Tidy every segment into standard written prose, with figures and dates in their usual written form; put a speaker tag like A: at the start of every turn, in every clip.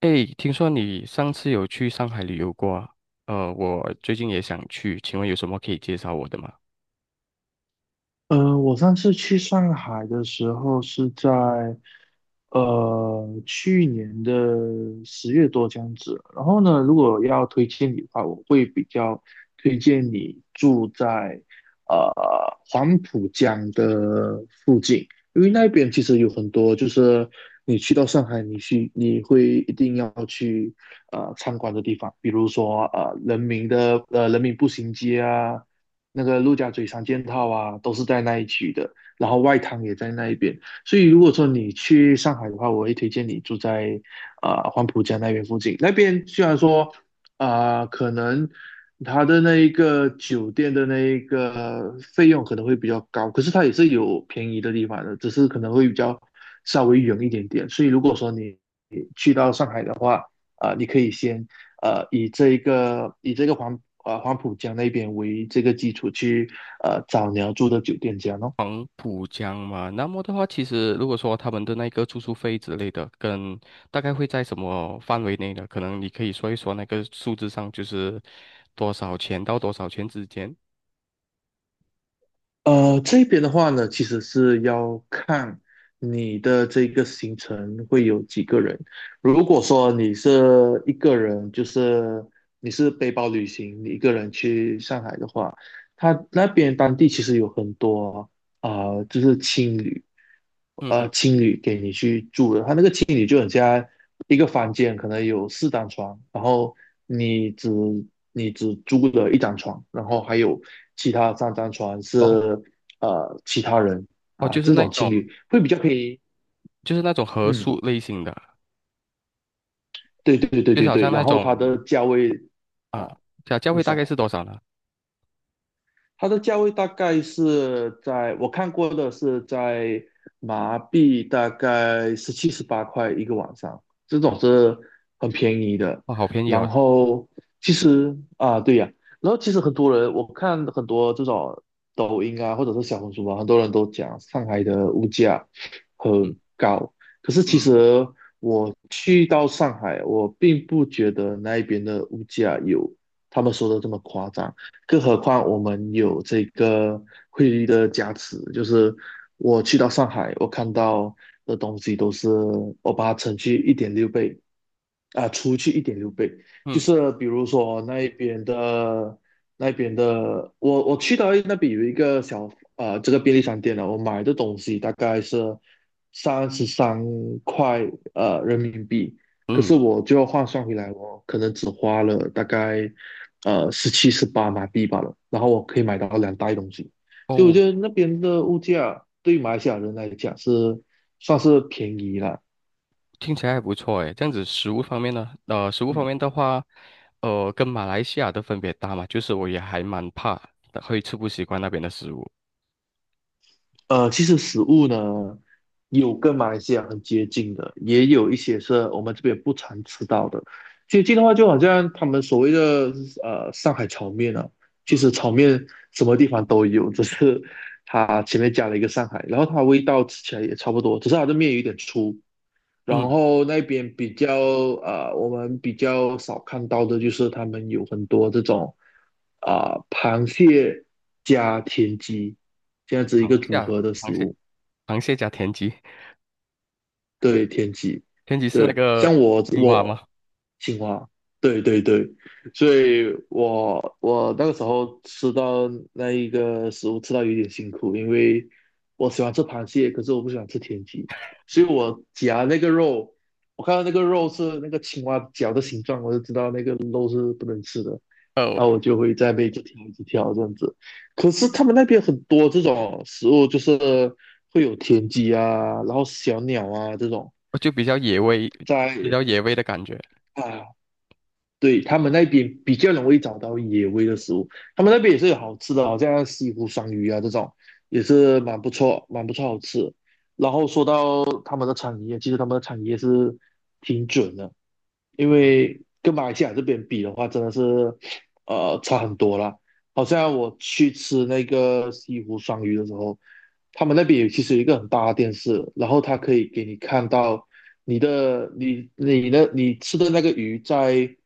A: 哎，听说你上次有去上海旅游过啊？我最近也想去，请问有什么可以介绍我的吗？
B: 我上次去上海的时候是在去年的10月多这样子。然后呢，如果要推荐你的话，我会比较推荐你住在呃黄浦江的附近，因为那边其实有很多，就是你去到上海，你会一定要去参观的地方，比如说人民步行街啊。那个陆家嘴三件套啊，都是在那一区的，然后外滩也在那一边，所以如果说你去上海的话，我会推荐你住在黄浦江那边附近。那边虽然说可能它的那一个酒店的那一个费用可能会比较高，可是它也是有便宜的地方的，只是可能会比较稍微远一点点。所以如果说你去到上海的话，你可以先以这个黄浦江那边为这个基础去找你要住的酒店这样咯。
A: 黄浦江嘛，那么的话，其实如果说他们的那个住宿费之类的，跟大概会在什么范围内呢？可能你可以说一说那个数字上，就是多少钱到多少钱之间。
B: 这边的话呢，其实是要看你的这个行程会有几个人。如果说你是一个人，就是你是背包旅行，你一个人去上海的话，他那边当地其实有很多就是青旅，
A: 嗯哼。
B: 青旅给你去住的，它那个青旅就很像一个房间，可能有四张床，然后你只你只租了一张床，然后还有其他三张床是
A: 哦
B: 其他人
A: 哦，
B: 啊，
A: 就是
B: 这
A: 那
B: 种青
A: 种
B: 旅会比较便宜，
A: 就是那种合
B: 嗯，
A: 宿类型的啊，
B: 对对对
A: 就是
B: 对
A: 好
B: 对，
A: 像
B: 然
A: 那
B: 后它
A: 种
B: 的价位
A: 啊，
B: 啊，
A: 小教
B: 你
A: 会大
B: 说。
A: 概是多少呢？
B: 它的价位大概是在我看过的是在马币大概17、18块一个晚上，这种是很便宜的。
A: 哦，好便宜
B: 然
A: 哦。
B: 后其实啊，对呀、然后其实很多人我看很多这种抖音啊，或者是小红书啊，很多人都讲上海的物价
A: 嗯
B: 很高，可是其
A: 嗯
B: 实我去到上海，我并不觉得那一边的物价有他们说的这么夸张。更何况我们有这个汇率的加持，就是我去到上海，我看到的东西都是我把它乘去一点六倍，除去一点六倍，就
A: 嗯
B: 是比如说那边的，我去到那边有一个这个便利商店了，我买的东西大概是33块人民币，可是
A: 嗯。
B: 我就要换算回来，我可能只花了大概17、18马币罢了，然后我可以买到两袋东西，所以我
A: 哦，
B: 觉得那边的物价对马来西亚人来讲是算是便宜了。
A: 听起来还不错诶。这样子食物方面呢，食物方
B: 嗯。
A: 面的话，跟马来西亚的分别大嘛，就是我也还蛮怕的，会吃不习惯那边的食物。
B: 其实食物呢，有跟马来西亚很接近的，也有一些是我们这边不常吃到的。接近的话，就好像他们所谓的上海炒面啊，其
A: 嗯
B: 实炒面什么地方都有，只是它前面加了一个上海，然后它味道吃起来也差不多，只是它的面有点粗。然
A: 嗯。
B: 后那边比较我们比较少看到的就是他们有很多这种螃蟹加田鸡这样子一
A: 螃
B: 个
A: 蟹
B: 组
A: 啊，
B: 合的
A: 螃
B: 食
A: 蟹，
B: 物。
A: 螃蟹加田鸡，
B: 对天鸡，
A: 田鸡是那
B: 对，
A: 个
B: 像我
A: 青蛙吗？
B: 我青蛙，对对对，所以我那个时候吃到那一个食物吃到有点辛苦，因为我喜欢吃螃蟹，可是我不喜欢吃田鸡，所以我夹那个肉，我看到那个肉是那个青蛙脚的形状，我就知道那个肉是不能吃的，
A: 呃，
B: 然后我就会在被边一直挑一直挑这样子。可是他们那边很多这种食物，就是会有田鸡啊，然后小鸟啊这种。
A: 就比较野味，比
B: 在
A: 较野味的感觉。
B: 啊，对他们那边比较容易找到野味的食物，他们那边也是有好吃的，好像西湖双鱼啊这种，也是蛮不错，蛮不错，好吃。然后说到他们的产业，其实他们的产业是挺准的，因为跟马来西亚这边比的话，真的是差很多啦。好像我去吃那个西湖双鱼的时候，他们那边有其实有一个很大的电视，然后它可以给你看到你吃的那个鱼在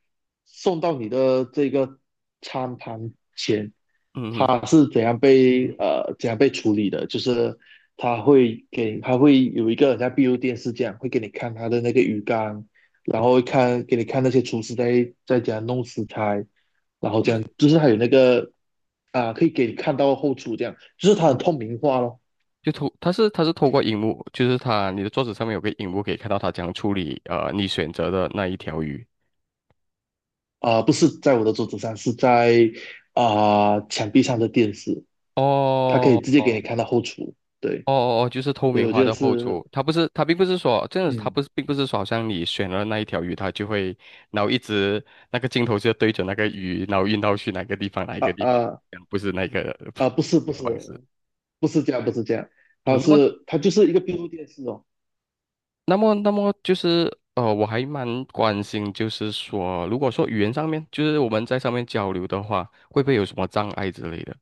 B: 送到你的这个餐盘前，
A: 嗯嗯。
B: 它是怎样被处理的，就是它会有一个很像闭路电视这样，会给你看它的那个鱼缸，然后给你看那些厨师在怎样弄食材。就是它有那个可以给你看到后厨这样，就是它很
A: 嗯，
B: 透明化咯。
A: 它是透过荧幕，就是它你的桌子上面有个荧幕，可以看到他怎样处理你选择的那一条鱼。
B: 不是在我的桌子上，是在墙壁上的电视，它可以
A: 哦
B: 直接给你
A: 哦
B: 看到后厨。对
A: 哦哦，就是透
B: 对，
A: 明
B: 我
A: 化
B: 觉得
A: 的后
B: 是，
A: 厨，它并不是说这样子，它
B: 嗯，
A: 不是并不是说好像你选了那一条鱼，它就会然后一直那个镜头就对着那个鱼，然后运到去哪个地方哪一
B: 啊
A: 个地方，
B: 啊
A: 这样不是那个
B: 不是不
A: 那个方
B: 是
A: 式。
B: 不是这样，不是这样，
A: 我那么
B: 它就是一个闭路电视哦。
A: 那么，那么就是呃，我还蛮关心，就是说，如果说语言上面，就是我们在上面交流的话，会不会有什么障碍之类的？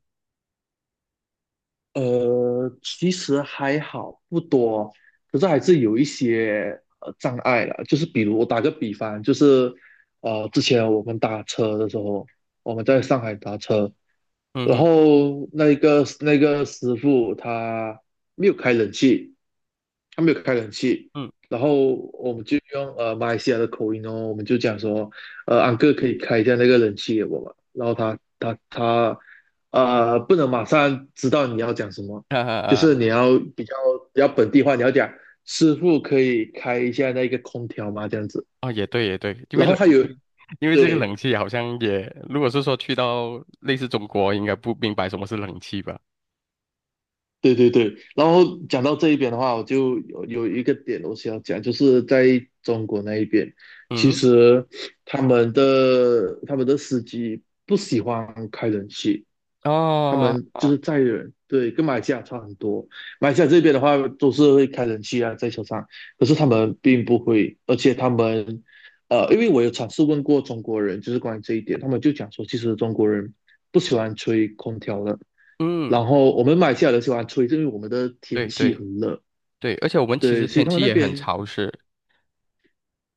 B: 其实还好，不多，可是还是有一些障碍了。就是比如我打个比方，就是之前我们打车的时候，我们在上海打车，
A: 嗯
B: 然
A: 哼。
B: 后那个师傅他没有开冷气，他没有开冷气，
A: 嗯。
B: 然后我们就用马来西亚的口音哦，我们就讲说，安哥可以开一下那个冷气给我吗？然后他不能马上知道你要讲什么，
A: 哈哈
B: 就
A: 哈。
B: 是你要比较本地化，你要讲师傅可以开一下那个空调吗？这样子，
A: 啊，也对，也对，
B: 然后还有
A: 因为这个冷
B: 对，
A: 气好像也，如果是说去到类似中国，应该不明白什么是冷气吧？
B: 对对对，然后讲到这一边的话，我就有一个点我想要讲，就是在中国那一边，其
A: 嗯。
B: 实他们的司机不喜欢开冷气，他
A: 哦。
B: 们就是载人，对，跟马来西亚差很多。马来西亚这边的话都是会开冷气啊，在车上，可是他们并不会，而且他们，因为我有尝试问过中国人，就是关于这一点，他们就讲说，其实中国人不喜欢吹空调的。
A: 嗯，
B: 然后我们马来西亚人喜欢吹，因为我们的天
A: 对
B: 气
A: 对
B: 很热，
A: 对，而且我们其实
B: 对，所以
A: 天
B: 他们
A: 气
B: 那
A: 也很
B: 边，
A: 潮湿。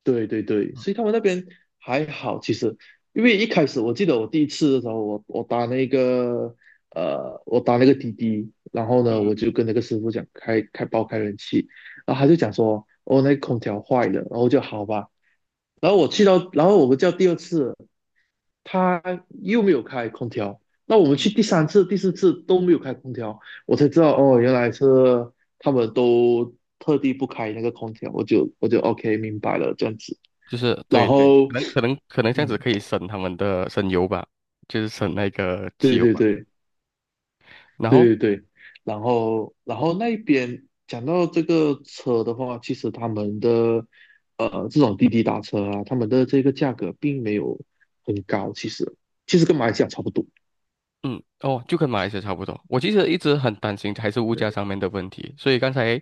B: 对对对，所以他们那边还好。其实，因为一开始我记得我第一次的时候，我打那个滴滴，然后呢，我
A: 嗯
B: 就跟那个师傅讲爆开冷气，然后他就讲说，哦，那个空调坏了，然后我就好吧。然后我去到，然后我们叫第二次，他又没有开空调。那我们去
A: 嗯。
B: 第三次、第四次都没有开空调，我才知道哦，原来是他们都特地不开那个空调。我就OK 明白了这样子。
A: 就是
B: 然
A: 对对，可
B: 后，
A: 能可能可能这样子
B: 嗯，
A: 可以省他们的省油吧，就是省那个汽
B: 对
A: 油
B: 对
A: 吧。
B: 对
A: 然后。
B: 对对对，然后那一边讲到这个车的话，其实他们的这种滴滴打车啊，他们的这个价格并没有很高，其实跟马来西亚差不多。
A: 嗯。哦，就跟马来西亚差不多。我其实一直很担心还是物
B: 对，
A: 价上面的问题，所以刚才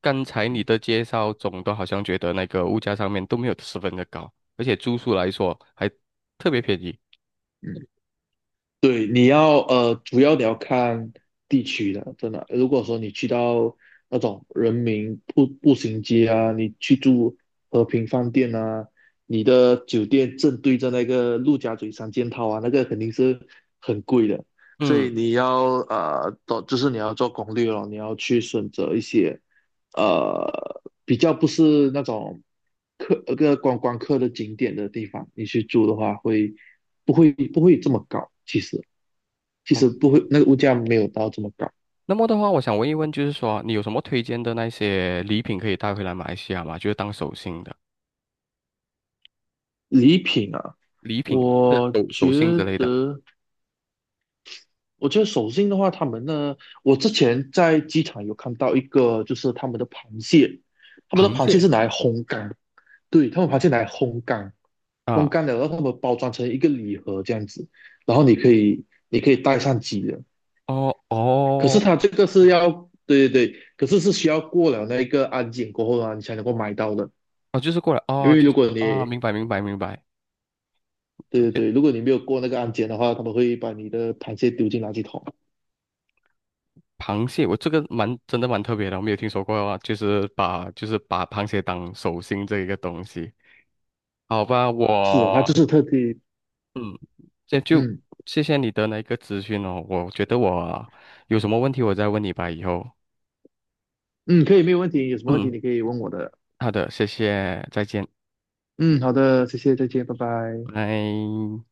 A: 你
B: 嗯
A: 的介绍总的好像觉得那个物价上面都没有十分的高，而且住宿来说还特别便宜。
B: 嗯。对，主要你要看地区的，真的。如果说你去到那种人民步行街啊，你去住和平饭店啊，你的酒店正对着那个陆家嘴三件套啊，那个肯定是很贵的。所以
A: 嗯。
B: 你要呃，做就是你要做攻略咯，你要去选择一些比较不是那种观光客的景点的地方，你去住的话会不会不会这么高？其实。其
A: 哦，
B: 实不会，那个物价没有到这么高。
A: 那么的话，我想问一问，就是说你有什么推荐的那些礼品可以带回来马来西亚吗？就是当手信的
B: 礼品啊，
A: 礼品，就是
B: 我
A: 手信
B: 觉
A: 之类的。
B: 得，我觉得手信的话，他们呢，我之前在机场有看到一个，就是他们的螃蟹，他们的
A: 螃
B: 螃蟹
A: 蟹。
B: 是拿来烘干，对，他们螃蟹拿来烘干，烘
A: 啊。
B: 干了，然后他们包装成一个礼盒这样子，然后你可以带上机的。
A: 哦
B: 可是
A: 哦
B: 它这个是要，对对对，可是是需要过了那一个安检过后啊，你才能够买到的。
A: 哦，就是过来
B: 因
A: 哦，
B: 为
A: 就是
B: 如果
A: 啊，
B: 你
A: 明白明白明白。
B: 对
A: 而
B: 对
A: 且
B: 对，如果你没有过那个安检的话，他们会把你的螃蟹丢进垃圾桶。
A: 螃蟹，我这个蛮真的蛮特别的，我没有听说过啊，就是把螃蟹当手心这一个东西。好吧，
B: 是的，他就是特地，
A: 嗯，这就
B: 嗯
A: 谢谢你的那个咨询哦。我觉得我有什么问题我再问你吧，以后。
B: 嗯，可以，没有问题。有什么问题
A: 嗯，
B: 你可以问我的。
A: 好的，谢谢，再见，
B: 嗯，好的，谢谢，再见，拜拜。
A: 拜。